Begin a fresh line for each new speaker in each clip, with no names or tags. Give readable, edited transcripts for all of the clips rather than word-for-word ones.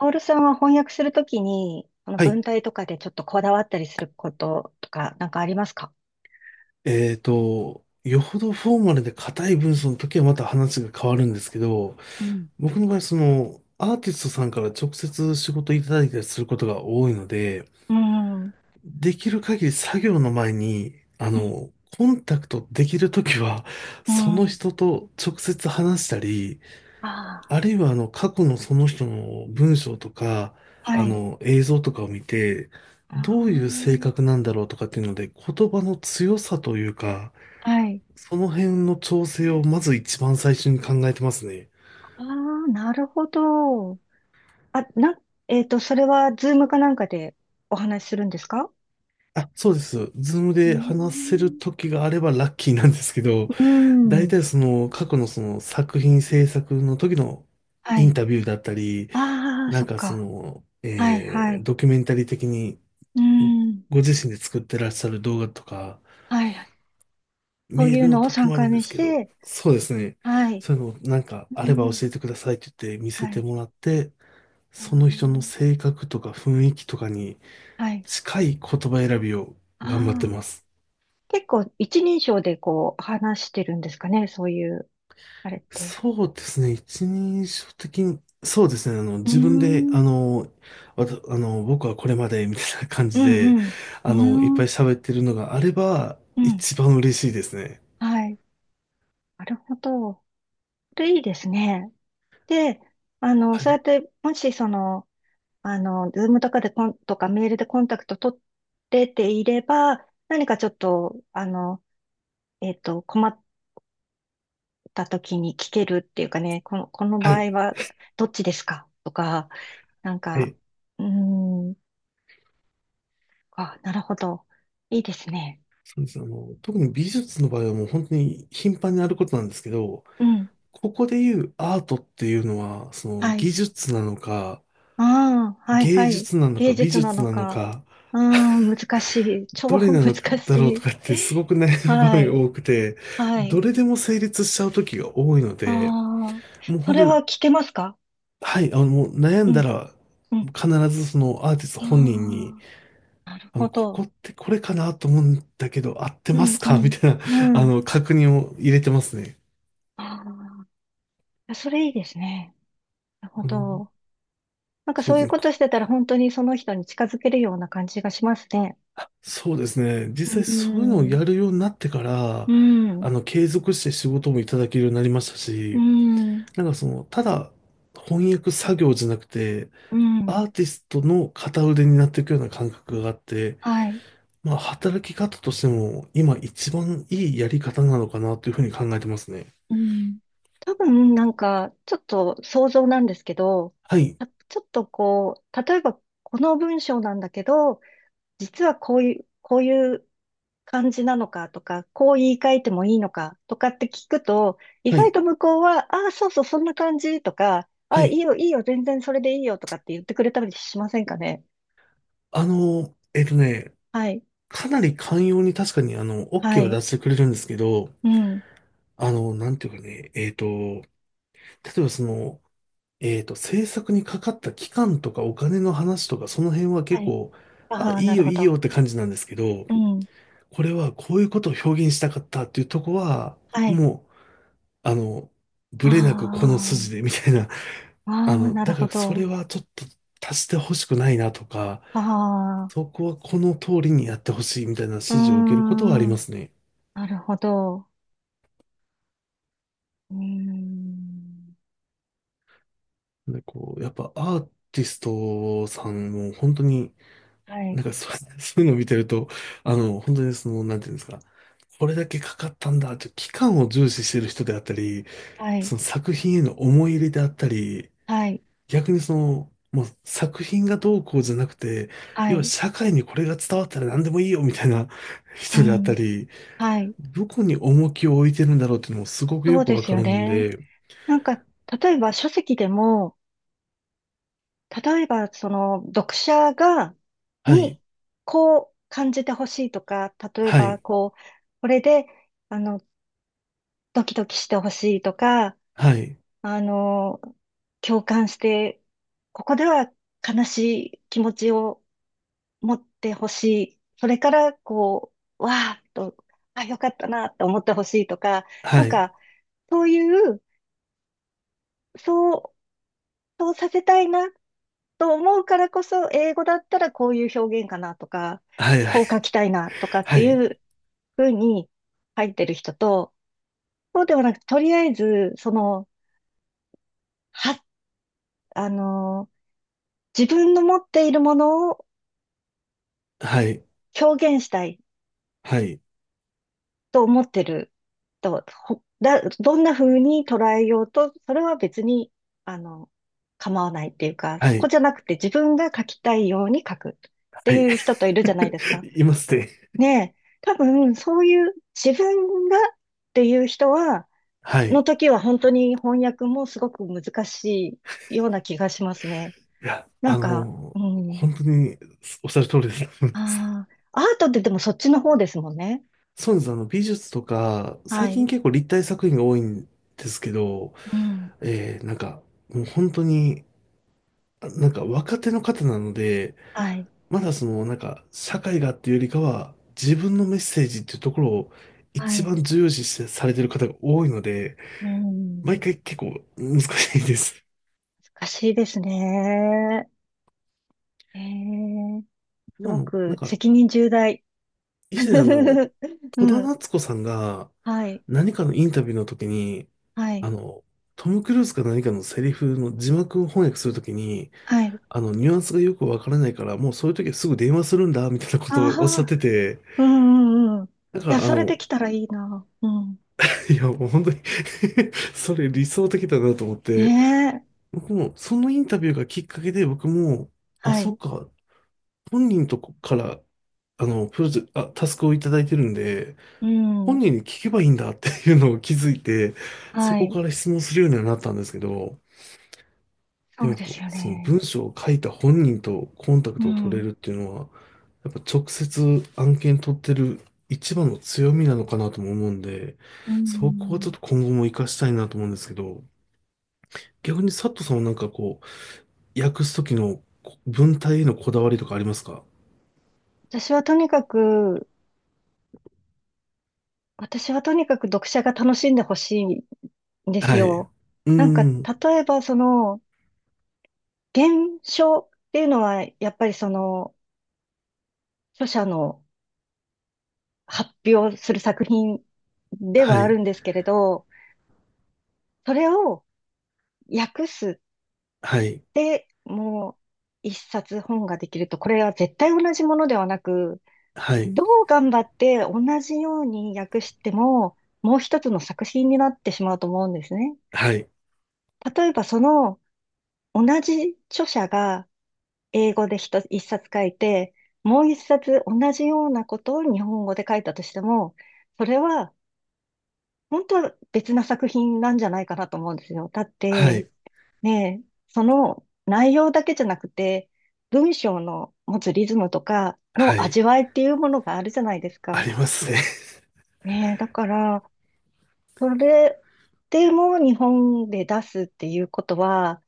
オールさんは翻訳するときに、あの
はい。
文体とかでちょっとこだわったりすることとか、なんかありますか？
よほどフォーマルで硬い文章の時はまた話が変わるんですけど、
うん。
僕の場合、アーティストさんから直接仕事いただいたりすることが多いので、
うん。うん。
できる限り作業の前に、コンタクトできる時は、
う
その
ん。
人と直接話したり、
あ
あるいは過去のその人の文章とか、
あ、はい。
映像とかを見て、どういう
あ
性格なんだろうとかっていうので、言葉の強さというか、
あ、はい。
その辺の調整をまず一番最初に考えてますね。
ああ、なるほど。あ、な、それは、ズームかなんかでお話しするんですか？
あ、そうです。ズーム
うー
で話せる
ん。
時があればラッキーなんですけど、
うー
大
ん。
体その過去のその作品制作の時の
は
イン
い。
タビューだったり、
ああ、
な
そ
ん
っ
かそ
か。
の、
はい、はい。
ドキュメンタリー的に
うーん。
ご自身で作ってらっしゃる動画とか、
はい。そう
メー
いう
ルの
のを
時
3
もある
回
んで
目
す
し
けど、
て、
そうですね。
はい。
そういうのをなんかあ
う
れば
ん。
教えてくださいって言って見
は
せて
い。
もらって、
あ
その人の
ー、
性格とか雰囲気とかに
はい。
近い言葉選びを頑張って
ああ。
ます。
結構一人称でこう話してるんですかね、そういう、あれって。
そうですね。一人称的に、そうですね。
うー
自分で、あ
ん。
の、わた、あの、僕はこれまで、みたいな感
う
じで、
んうん。
いっ
うー
ぱい
ん。
喋ってるのがあれば、
うん。
一番嬉しいですね。
はい。なるほど。それいいですね。で、あの、
は
そうや
い。
って、もしその、あの、ズームとかでコン、とかメールでコンタクト取ってていれば、何かちょっと、あの、困った時に聞けるっていうかね、この、この
は
場
い。
合はどっちですかとか、なん
は
か、
い。
うーん、あ、なるほど。いいですね。
そうです。特に美術の場合はもう本当に頻繁にあることなんですけど、
うん。
ここで言うアートっていうのは、その
はい。
技術なのか、
ああ、はい
芸
はい。
術なの
芸
か、美
術な
術
の
なの
か。
か、
うーん、難しい。超
どれな
難
の
し
だろうと
い。
かってすごく悩む 場
は
面が
い。
多くて、
は
ど
い。
れでも成立しちゃう時が多いの
あ
で、
あ、
もう
そ
本当
れは
に、
聞けますか？
はい、もう悩
う
んだ
ん、
ら、
うん。
必ずそのアーティスト本人に、
ああ、なるほ
こ
ど。
こってこれかなと思うんだけど、合って
う
ま
ん、
す
う
か み
ん、
たいな、
うん。
確認を入れてますね。
ああ、それいいですね。なるほ
うん
ど。なんか
そう
そう
で
い
す
う
ね。
ことしてたら本当にその人に近づけるような感じがしますね。
そうですね。
う
実際そういうのを
ん。
やるようになってから、
うん、
継続して仕事もいただけるようになりました
う
し、
ん、
なんかただ翻訳作業じゃなくて、
うん、
アーティストの片腕になっていくような感覚があって、
はい。
まあ、働き方としても今一番いいやり方なのかなというふうに考えてますね。
うん。多分なんか、ちょっと想像なんですけど、
はい、
あちょっとこう、例えばこの文章なんだけど、実はこういう、こういう感じなのかとか、こう言い換えてもいいのかとかって聞くと、意
は
外
い、
と向こうは、ああ、そうそう、そんな感じとか、あ
は
あ、い
い。
いよ、いいよ、全然それでいいよとかって言ってくれたりしませんかね。
あの、えっとね、
はい、
かなり寛容に確かに
は
OK は出
い、
してくれるんですけど、
うん、
あの、なんていうかね、えっと、例えば制作にかかった期間とかお金の話とかその辺は
は
結
い。
構、あ、
ああ、
いい
なる
よ
ほ
いいよ
ど。
って感じなんですけど、
うん、
これはこういうことを表現したかったっていうとこは、
はい。
もうあの、ブレなくこの
あ
筋でみたいな。
あ、ああ、なる
だか
ほ
らそれ
ど。
はちょっと足してほしくないなとか、
あ
そ
あ、
こはこの通りにやってほしいみたいな指
うー
示を受けることはありま
ん、
すね。
なるほど。うーん、
で、こう、やっぱアーティストさんも本当に、
は
な
い、
んかそう、そういうのを見てると、本当になんていうんですか、これだけかかったんだって、期間を重視してる人であったり、
はい、
その作品への思い入れであったり、
はい、
逆にもう作品がどうこうじゃなくて、
は
要は
い、
社会にこれが伝わったら何でもいいよみたいな
う
人であった
ん。
り、
はい。
どこに重きを置いてるんだろうっていうのもすごく
そ
よ
う
く
で
わ
す
か
よ
るん
ね。
で、
なんか、例えば書籍でも、例えばその読者が、
はい、
に、こう感じてほしいとか、例え
は
ば
い、
こう、これで、あの、ドキドキしてほしいとか、
はい、
あの、共感して、ここでは悲しい気持ちを持ってほしい。それから、こう、わーっと、あ、よかったなって思ってほしいとか、な
は
ん
い、
か、そういう、そうそうさせたいなと思うからこそ、英語だったらこういう表現かなとか、
はい、
こう書きたいなとかっ
は
て
い、
いうふうに書いてる人と、そうではなく、とりあえず、その、は、あの、自分の持っているものを
はい、
表現したい
はい、はい、
と思ってると、ほだ、どんな風に捉えようと、それは別に、あの、構わないっていうか、
は
そこ
い、
じゃなくて自分が書きたいように書くって
はい、
いう人といるじゃないですか。
いますね。
ねえ、多分そういう自分がっていう人は、
は
の
い。
時は本当に翻訳もすごく難しいような気がしますね。
いや、
なんか、うん。
本当におっしゃる通りです。
ああ、アートってでもそっちの方ですもんね。
そうです。美術とか、
は
最近
い。
結構立体作品が多いんですけど、
うん。
なんか、もう本当に、あなんか若手の方なので、
はい。
まだなんか、社会がっていうよりかは、自分のメッセージっていうところを
は
一
い。
番重要視してされてる方が多いので、
う
毎
ん。
回結構難しいです。
難しいですね。ええ、す
今
ご
の、なん
く
か、
責任重大。
以前戸
う
田
ん。
夏子さんが
はい。
何かのインタビューの時に、
は
あ
い。
の、トム・クルーズか何かのセリフの字幕を翻訳するときに、
はい。
ニュアンスがよくわからないから、もうそういう時はすぐ電話するんだ、みたいなこ
あ
とをおっしゃっ
あ。
てて、
うんうんうん。い
だか
や、
ら、
それできたらいいな。うん。
いや、もう本当に それ理想的だなと思って、
ねえ。
僕も、そのインタビューがきっかけで、僕も、あ、
は
そっ
い。
か、本人とこから、あの、プロジェ、あ、タスクをいただいてるんで、
う
本
ん。
人に聞けばいいんだ っていうのを気づいて、そ
は
こ
い。
から質問するようにはなったんですけど、
そ
で
うです
も、
よ
その
ね。
文章を書いた本人とコンタク
う
トを取れ
ん。
るっていうのは、やっぱ直接案件取ってる一番の強みなのかなとも思うんで、
う
そこはちょっ
ん。
と今後も活かしたいなと思うんですけど、逆に佐藤さんはなんかこう、訳すときの文体へのこだわりとかありますか？
私はとにかく、私はとにかく読者が楽しんでほしいんです
はい。う
よ。
ー
なんか、例
ん。
えばその、原書っていうのは、やっぱりその、著者の発表する作品で
は
はある
い。
んですけれど、それを訳す。
はい。
で、もう一冊本ができると、これは絶対同じものではなく、
はい。
どう頑張って同じように訳しても、もう一つの作品になってしまうと思うんですね。
はい。
例えばその同じ著者が英語で一つ一冊書いて、もう一冊同じようなことを日本語で書いたとしても、それは本当は別な作品なんじゃないかなと思うんですよ。だっ
は
て、
い。
で、その内容だけじゃなくて、文章の持つリズムとか
は
の
い。
味わいっていうものがあるじゃないです
あ
か。
りますね。
ねえ、だから、それでも日本で出すっていうことは、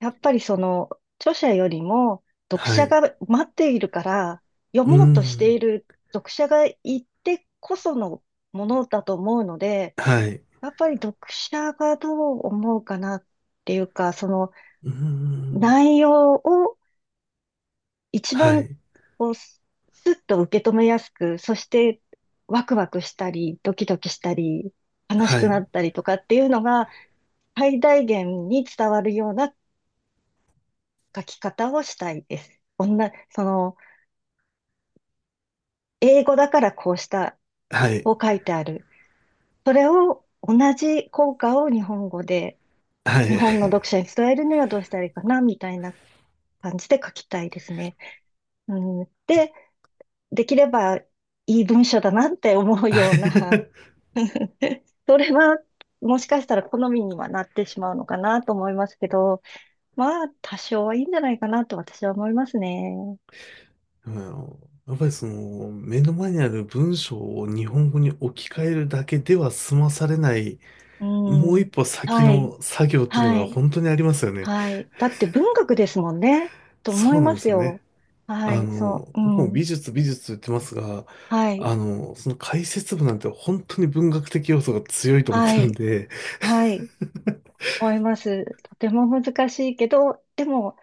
やっぱりその著者よりも 読
は
者
い。
が待っているから、読
うー
もうとしてい
ん。
る読者がいてこそのものだと思うので、
はい。う
やっぱり読者がどう思うかなっていうか、その
ーん。
内容を一
は
番
い。
こう、スッと受け止めやすく、そしてワクワクしたり、ドキドキしたり、悲し
は
くな
い。
ったりとかっていうのが最大限に伝わるような書き方をしたいです。女、その、英語だからこうした
はい。
を書いてある。それを同じ効果を日本語で、
は
日
い。
本の読者に伝えるにはどうしたらいいかな、みたいな感じで書きたいですね。うん、で、できればいい文章だなって思うような それは、もしかしたら好みにはなってしまうのかなと思いますけど、まあ、多少はいいんじゃないかなと私は思いますね。
うん。やっぱり目の前にある文章を日本語に置き換えるだけでは済まされない、
う
もう一
ん。
歩先
はい。
の作業っていうの
は
が
い。
本当にありますよね。
はい。だって文学ですもんね。と思
そ
い
うなん
ま
で
す
すよね。
よ。はい。そう。
僕も
うん。
美術美術と言ってますが、
はい。
その解説部なんて本当に文学的要素が強いと思っ
は
てるん
い。
で、
はい。思います。とても難しいけど、でも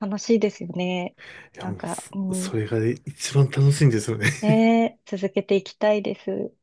楽しいですよね。
いや
な
も
ん
う
か、うん。
それが一番楽しいんですよね。
ねえ、続けていきたいです。